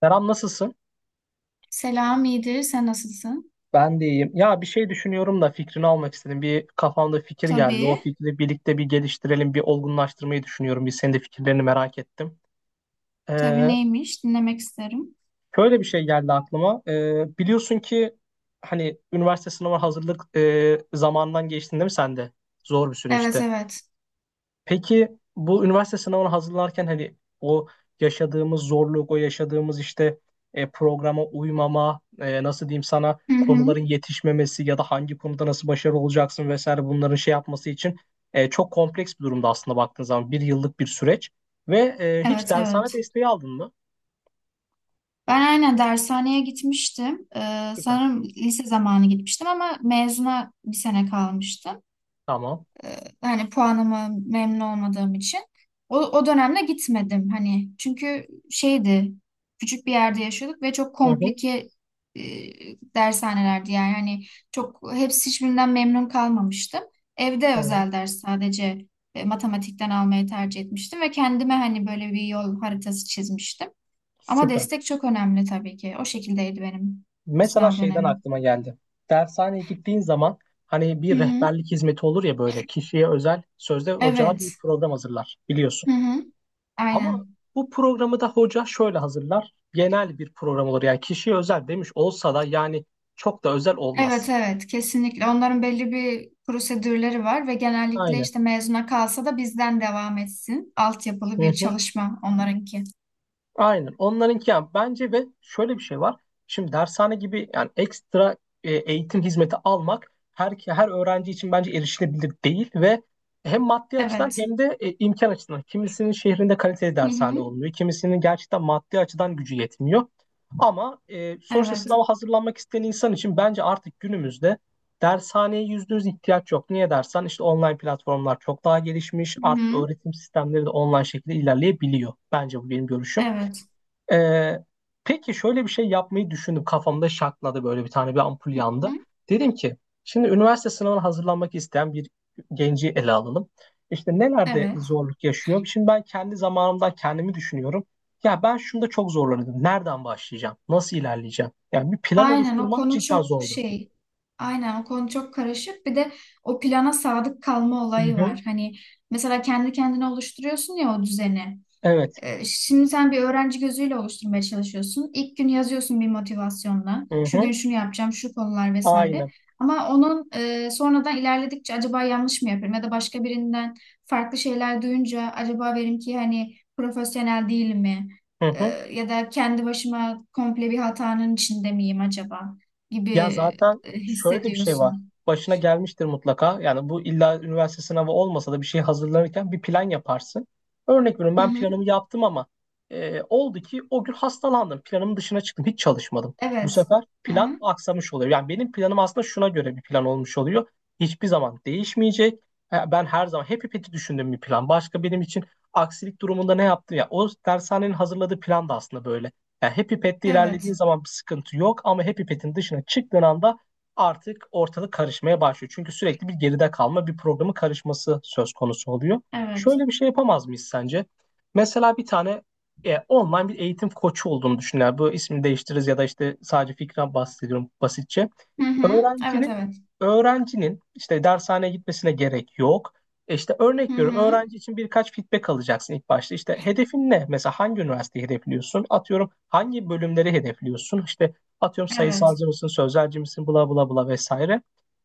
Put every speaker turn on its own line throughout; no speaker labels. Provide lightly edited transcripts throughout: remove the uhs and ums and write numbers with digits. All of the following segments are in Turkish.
Serap nasılsın?
Selam, iyidir. Sen nasılsın?
Ben de iyiyim. Ya bir şey düşünüyorum da fikrini almak istedim. Bir kafamda fikir geldi. O
Tabii.
fikri birlikte bir geliştirelim, bir olgunlaştırmayı düşünüyorum. Bir senin de fikirlerini merak ettim.
Tabii
Ee,
neymiş? Dinlemek isterim.
şöyle bir şey geldi aklıma. Biliyorsun ki hani üniversite sınavı hazırlık zamanından geçtin değil mi sen de? Zor bir
Evet,
süreçti.
evet.
Peki bu üniversite sınavına hazırlanırken hani o yaşadığımız zorluk, o yaşadığımız işte programa uymama, nasıl diyeyim sana
Hı hı.
konuların yetişmemesi ya da hangi konuda nasıl başarılı olacaksın vesaire bunların şey yapması için çok kompleks bir durumda aslında baktığın zaman bir yıllık bir süreç ve hiç
Evet, evet.
dershane desteği aldın mı?
Ben aynen dershaneye gitmiştim. Ee,
Süper.
sanırım lise zamanı gitmiştim ama mezuna bir sene kalmıştı.
Tamam.
Hani puanıma memnun olmadığım için o dönemde gitmedim hani çünkü şeydi, küçük bir yerde yaşıyorduk ve çok
Hı hı,
komplike e, dershanelerdi yani, hani çok hepsi, hiçbirinden memnun kalmamıştım. Evde
tamam.
özel ders sadece matematikten almayı tercih etmiştim ve kendime hani böyle bir yol haritası çizmiştim. Ama
Süper.
destek çok önemli tabii ki. O şekildeydi benim
Mesela
sınav
şeyden
dönemim.
aklıma geldi. Dershaneye gittiğin zaman hani
Hı
bir
hı.
rehberlik hizmeti olur ya böyle kişiye özel sözde hocalar
Evet.
bir program hazırlar biliyorsun.
Hı hı.
Ama
Aynen.
bu programı da hoca şöyle hazırlar. Genel bir program olur yani kişiye özel demiş olsa da yani çok da özel olmaz.
Evet evet kesinlikle, onların belli bir prosedürleri var ve genellikle
Aynen.
işte mezuna kalsa da bizden devam etsin. Altyapılı
Hı
bir
hı.
çalışma onlarınki.
Aynen. Onlarınki yani bence ve şöyle bir şey var. Şimdi dershane gibi yani ekstra eğitim hizmeti almak her öğrenci için bence erişilebilir değil ve hem maddi açıdan
Evet.
hem de imkan açısından. Kimisinin şehrinde kaliteli
Hı
dershane
hı.
olmuyor. Kimisinin gerçekten maddi açıdan gücü yetmiyor. Ama sonuçta
Evet.
sınava hazırlanmak isteyen insan için bence artık günümüzde dershaneye %100 ihtiyaç yok. Niye dersen işte online platformlar çok daha gelişmiş.
Hı
Artık
hı.
öğretim sistemleri de online şekilde ilerleyebiliyor. Bence bu benim görüşüm.
Evet.
Ee, peki şöyle bir şey yapmayı düşündüm. Kafamda şakladı böyle bir tane bir ampul
Hı
yandı.
hı.
Dedim ki şimdi üniversite sınavına hazırlanmak isteyen bir genci ele alalım. İşte nelerde
Evet.
zorluk yaşıyor? Şimdi ben kendi zamanımdan kendimi düşünüyorum. Ya ben şunda çok zorlanıyordum. Nereden başlayacağım? Nasıl ilerleyeceğim? Yani bir plan
Aynen o
oluşturmak
konu
cidden
çok
zordu.
şey. Aynen o konu çok karışık. Bir de o plana sadık kalma
Hı
olayı
hı.
var. Hani mesela kendi kendine oluşturuyorsun ya o düzeni.
Evet.
Şimdi sen bir öğrenci gözüyle oluşturmaya çalışıyorsun. İlk gün yazıyorsun bir motivasyonla.
Hı
Şu gün
hı.
şunu yapacağım, şu konular vesaire.
Aynen.
Ama onun sonradan ilerledikçe acaba yanlış mı yapıyorum ya da başka birinden farklı şeyler duyunca acaba benim ki hani profesyonel değil mi?
Hı hı.
Ee, ya da kendi başıma komple bir hatanın içinde miyim acaba gibi
Ya zaten şöyle de bir şey var.
hissediyorsun.
Başına gelmiştir mutlaka. Yani bu illa üniversite sınavı olmasa da bir şey hazırlanırken bir plan yaparsın. Örnek veriyorum
Hı
ben
hı.
planımı yaptım ama oldu ki o gün hastalandım. Planımın dışına çıktım. Hiç çalışmadım. Bu
Evet.
sefer
Hı
plan
hı.
aksamış oluyor. Yani benim planım aslında şuna göre bir plan olmuş oluyor. Hiçbir zaman değişmeyecek. Ben her zaman hep ipeti düşündüğüm bir plan. Başka benim için aksilik durumunda ne yaptım ya. O dershanenin hazırladığı plan da aslında böyle. Yani Happy Pet'te ilerlediğin
Evet.
zaman bir sıkıntı yok ama Happy Pet'in dışına çıktığın anda artık ortalık karışmaya başlıyor. Çünkü sürekli bir geride kalma, bir programın karışması söz konusu oluyor.
Evet.
Şöyle bir şey yapamaz mıyız sence? Mesela bir tane online bir eğitim koçu olduğunu düşünler. Bu ismini değiştiririz ya da işte sadece fikren bahsediyorum basitçe.
Hı hı. Evet,
Öğrencinin
evet.
öğrencinin işte dershaneye gitmesine gerek yok. İşte
Hı
örnek veriyorum.
hı.
Öğrenci için birkaç feedback alacaksın ilk başta. İşte hedefin ne? Mesela hangi üniversiteyi hedefliyorsun? Atıyorum hangi bölümleri hedefliyorsun? İşte atıyorum
Evet.
sayısalcı mısın, sözelci misin, bla bla bla vesaire.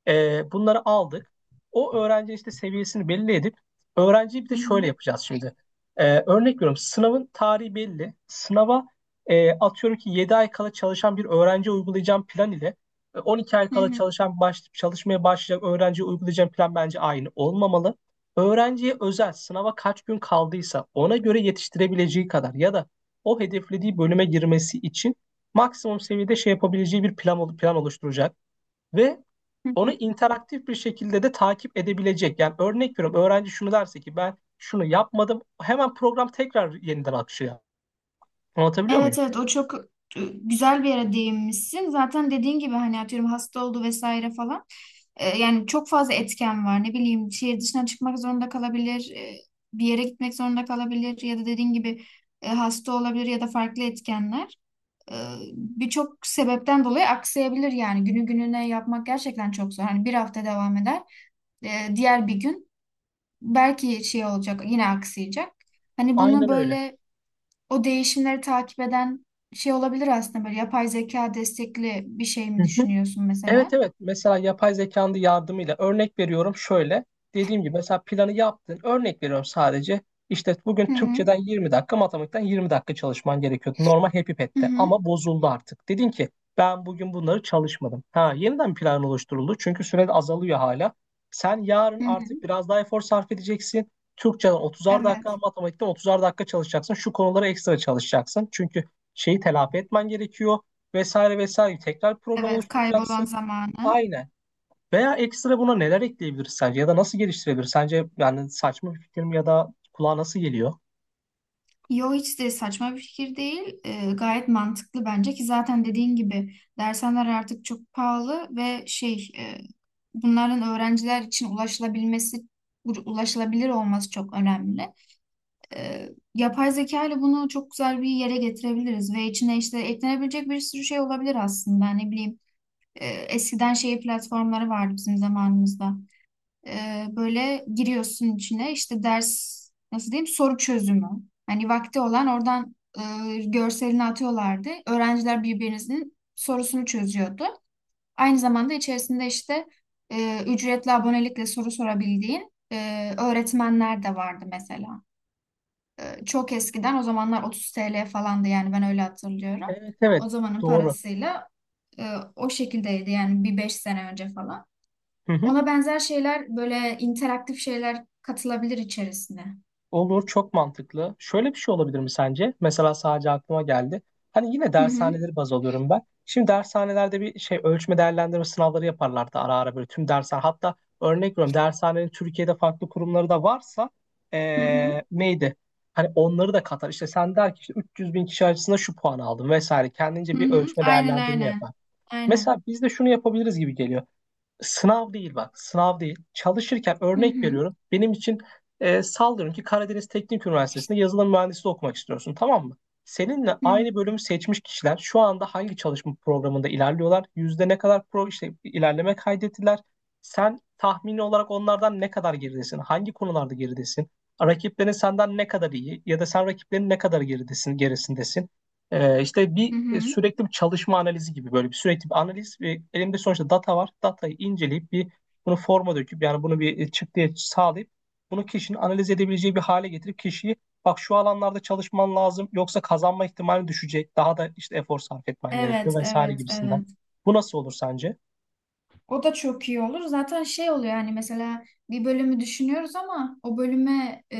Bunları aldık. O öğrenci işte seviyesini belli edip öğrenciyi bir
Hı
de şöyle
hı.
yapacağız şimdi. Örnek veriyorum sınavın tarihi belli. Sınava atıyorum ki 7 ay kala çalışan bir öğrenci uygulayacağım plan ile 12 ay
Hı
kala
hı,
çalışan çalışmaya başlayacak öğrenciye uygulayacağım plan bence aynı olmamalı. Öğrenciye özel sınava kaç gün kaldıysa ona göre yetiştirebileceği kadar ya da o hedeflediği bölüme girmesi için maksimum seviyede şey yapabileceği bir plan oluşturacak. Ve
hı
onu
hı.
interaktif bir şekilde de takip edebilecek. Yani örnek veriyorum öğrenci şunu derse ki ben şunu yapmadım hemen program tekrar yeniden akışıyor. Anlatabiliyor
Evet
muyum?
evet o çok güzel bir yere değinmişsin. Zaten dediğin gibi hani atıyorum hasta oldu vesaire falan. Yani çok fazla etken var. Ne bileyim şehir dışına çıkmak zorunda kalabilir. Bir yere gitmek zorunda kalabilir. Ya da dediğin gibi hasta olabilir ya da farklı etkenler. E, birçok sebepten dolayı aksayabilir yani. Günü gününe yapmak gerçekten çok zor. Hani bir hafta devam eder. Diğer bir gün belki şey olacak, yine aksayacak. Hani bunu
Aynen öyle.
böyle, o değişimleri takip eden şey olabilir aslında, böyle yapay zeka destekli bir şey
Hı
mi
hı.
düşünüyorsun
Evet
mesela?
evet, mesela yapay zekanın da yardımıyla örnek veriyorum şöyle dediğim gibi mesela planı yaptın örnek veriyorum sadece. İşte
Hı
bugün
hı.
Türkçeden 20 dakika matematikten 20 dakika çalışman gerekiyordu normal Happy
Hı
Pet'te
hı.
ama bozuldu, artık dedin ki ben bugün bunları çalışmadım, ha yeniden bir plan oluşturuldu çünkü süre de azalıyor hala. Sen yarın
Hı
artık
hı.
biraz daha efor sarf edeceksin, Türkçeden 30'ar dakika
Evet.
matematikten 30'ar dakika çalışacaksın, şu konulara ekstra çalışacaksın çünkü şeyi telafi etmen gerekiyor vesaire vesaire, tekrar program
Evet, kaybolan
oluşturacaksın.
zamanı.
Aynen. Veya ekstra buna neler ekleyebiliriz sence ya da nasıl geliştirebiliriz? Sence yani saçma bir fikir mi ya da kulağa nasıl geliyor?
Yo, hiç de saçma bir fikir değil. Gayet mantıklı bence ki zaten dediğin gibi dershaneler artık çok pahalı ve şey, bunların öğrenciler için ulaşılabilmesi, ulaşılabilir olması çok önemli. e, yapay zeka ile bunu çok güzel bir yere getirebiliriz ve içine işte eklenebilecek bir sürü şey olabilir aslında. Ne bileyim, eskiden şey platformları vardı bizim zamanımızda. Böyle giriyorsun içine, işte ders, nasıl diyeyim, soru çözümü. Hani vakti olan oradan görselini atıyorlardı. Öğrenciler birbirinizin sorusunu çözüyordu. Aynı zamanda içerisinde işte ücretli abonelikle soru sorabildiğin öğretmenler de vardı mesela. Çok eskiden, o zamanlar 30 TL falandı yani, ben öyle hatırlıyorum.
Evet evet
O zamanın
doğru.
parasıyla e, o şekildeydi yani, bir 5 sene önce falan. Ona benzer şeyler, böyle interaktif şeyler katılabilir içerisine.
Olur, çok mantıklı. Şöyle bir şey olabilir mi sence? Mesela sadece aklıma geldi. Hani yine
Hı hı.
dershaneleri baz alıyorum ben. Şimdi dershanelerde bir şey ölçme değerlendirme sınavları yaparlardı ara ara böyle tüm dershane. Hatta örnek veriyorum dershanenin Türkiye'de farklı kurumları da varsa
Hı hı.
neydi? Hani onları da katar. İşte sen der ki işte 300 bin kişi arasında şu puan aldım vesaire. Kendince
Hı
bir
hı.
ölçme
Aynen
değerlendirme
aynen.
yapar.
Aynen.
Mesela biz de şunu yapabiliriz gibi geliyor. Sınav değil bak, sınav değil. Çalışırken
Hı
örnek
hı.
veriyorum. Benim için sallıyorum ki Karadeniz Teknik Üniversitesi'nde yazılım mühendisliği okumak istiyorsun, tamam mı? Seninle
Hı hı.
aynı bölümü seçmiş kişiler şu anda hangi çalışma programında ilerliyorlar? Yüzde ne kadar pro işte ilerleme kaydettiler? Sen tahmini olarak onlardan ne kadar geridesin? Hangi konularda geridesin? Rakiplerin senden ne kadar iyi ya da sen rakiplerin ne kadar geridesin, gerisindesin? İşte bir
Hı hı.
sürekli bir çalışma analizi gibi böyle bir sürekli bir analiz ve elimde sonuçta data var. Datayı inceleyip bir bunu forma döküp yani bunu bir çıktıya sağlayıp bunu kişinin analiz edebileceği bir hale getirip kişiyi bak şu alanlarda çalışman lazım yoksa kazanma ihtimali düşecek. Daha da işte efor sarf etmen gerekiyor
Evet,
vesaire
evet,
gibisinden.
evet.
Bu nasıl olur sence?
O da çok iyi olur. Zaten şey oluyor yani, mesela bir bölümü düşünüyoruz ama o bölüme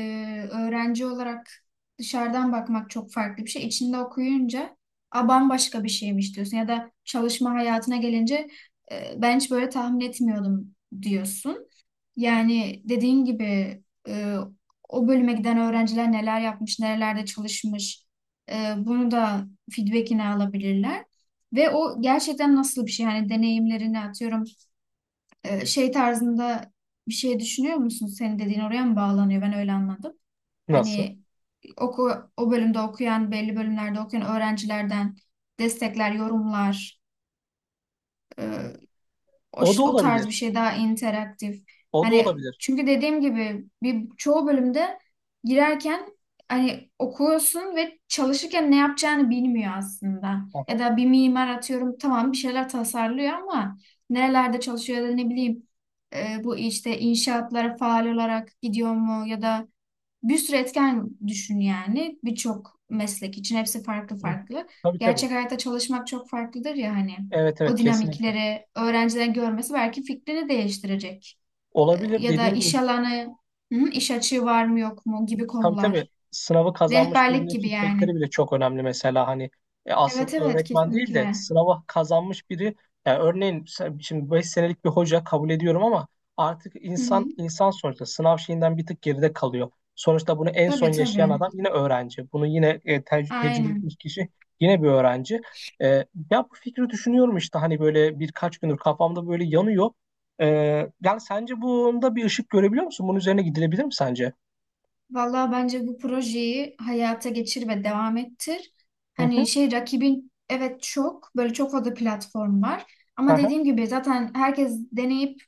öğrenci olarak dışarıdan bakmak çok farklı bir şey. İçinde okuyunca, a, bambaşka bir şeymiş diyorsun, ya da çalışma hayatına gelince ben hiç böyle tahmin etmiyordum diyorsun. Yani dediğin gibi e, o bölüme giden öğrenciler neler yapmış, nerelerde çalışmış, bunu da feedbackini alabilirler. Ve o gerçekten nasıl bir şey? Yani deneyimlerini atıyorum şey tarzında bir şey düşünüyor musun? Senin dediğin oraya mı bağlanıyor? Ben öyle anladım.
Nasıl?
Hani o bölümde okuyan, belli bölümlerde okuyan öğrencilerden destekler, yorumlar,
O da
o tarz bir
olabilir.
şey, daha interaktif.
O da
Hani
olabilir.
çünkü dediğim gibi bir çoğu bölümde girerken hani, okuyorsun ve çalışırken ne yapacağını bilmiyor aslında. Ya
Aha.
da bir mimar atıyorum, tamam, bir şeyler tasarlıyor ama nerelerde çalışıyor ya da ne bileyim, bu işte inşaatlara faal olarak gidiyor mu, ya da bir sürü etken düşün yani, birçok meslek için hepsi farklı
Hı hı.
farklı.
Tabii tabii.
Gerçek hayatta çalışmak çok farklıdır ya hani,
Evet evet
o
kesinlikle.
dinamikleri öğrencilerin görmesi belki fikrini değiştirecek. Ee,
Olabilir
ya da
dediğin gibi.
iş alanı, hı, iş açığı var mı yok mu gibi
Tabii tabii,
konular.
sınavı kazanmış
Rehberlik
birinin
gibi
feedbackleri
yani.
bile çok önemli mesela hani aslında
Evet evet
öğretmen değil de
kesinlikle.
sınavı kazanmış biri, yani örneğin sen- şimdi 5 senelik bir hoca kabul ediyorum ama artık
Hı hı.
insan sonuçta sınav şeyinden bir tık geride kalıyor. Sonuçta bunu en son
Tabii
yaşayan
tabii.
adam yine öğrenci. Bunu yine tecrübe etmiş
Aynen.
kişi yine bir öğrenci. E, ya bu fikri düşünüyorum işte hani böyle birkaç gündür kafamda böyle yanıyor. E, yani sence bunda bir ışık görebiliyor musun? Bunun üzerine gidilebilir mi sence?
Vallahi bence bu projeyi hayata geçir ve devam ettir.
Hı hı.
Hani şey, rakibin evet, çok böyle çok fazla platform var. Ama
Aha.
dediğim gibi zaten herkes deneyip,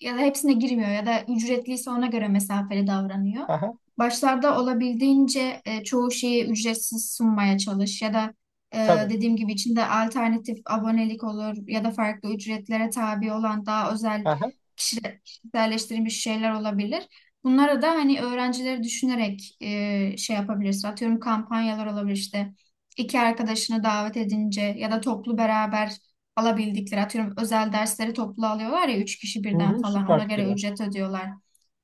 ya da hepsine girmiyor ya da ücretliyse ona göre mesafeli davranıyor.
Aha,
Başlarda olabildiğince çoğu şeyi ücretsiz sunmaya çalış, ya da
tabii.
dediğim gibi içinde alternatif abonelik olur ya da farklı ücretlere tabi olan daha özel
Aha,
kişiselleştirilmiş şeyler olabilir. Bunlara da hani öğrencileri düşünerek şey yapabilirsin. Atıyorum kampanyalar olabilir işte. İki arkadaşını davet edince ya da toplu beraber alabildikleri, atıyorum özel dersleri toplu alıyorlar ya, üç kişi
hı
birden
hı,
falan,
süper
ona göre
fikirler.
ücret ödüyorlar.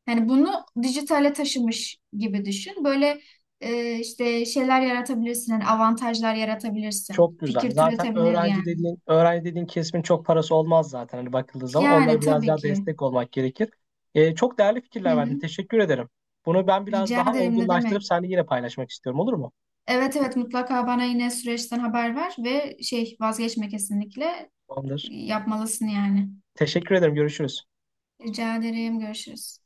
Hani bunu dijitale taşımış gibi düşün. Böyle işte şeyler yaratabilirsin, hani avantajlar yaratabilirsin.
Çok güzel.
Fikir
Zaten
türetebilir yani.
öğrenci dediğin kesimin çok parası olmaz zaten hani bakıldığı zaman.
Yani
Onlara biraz
tabii
daha
ki.
destek olmak gerekir. Çok değerli
Hı
fikirler
hı.
verdin. Teşekkür ederim. Bunu ben biraz
Rica
daha
ederim, ne
olgunlaştırıp
demek.
seninle yine paylaşmak istiyorum. Olur mu?
Evet evet, mutlaka bana yine süreçten haber ver ve şey, vazgeçme kesinlikle,
Tamamdır.
yapmalısın yani.
Teşekkür ederim. Görüşürüz.
Rica ederim, görüşürüz.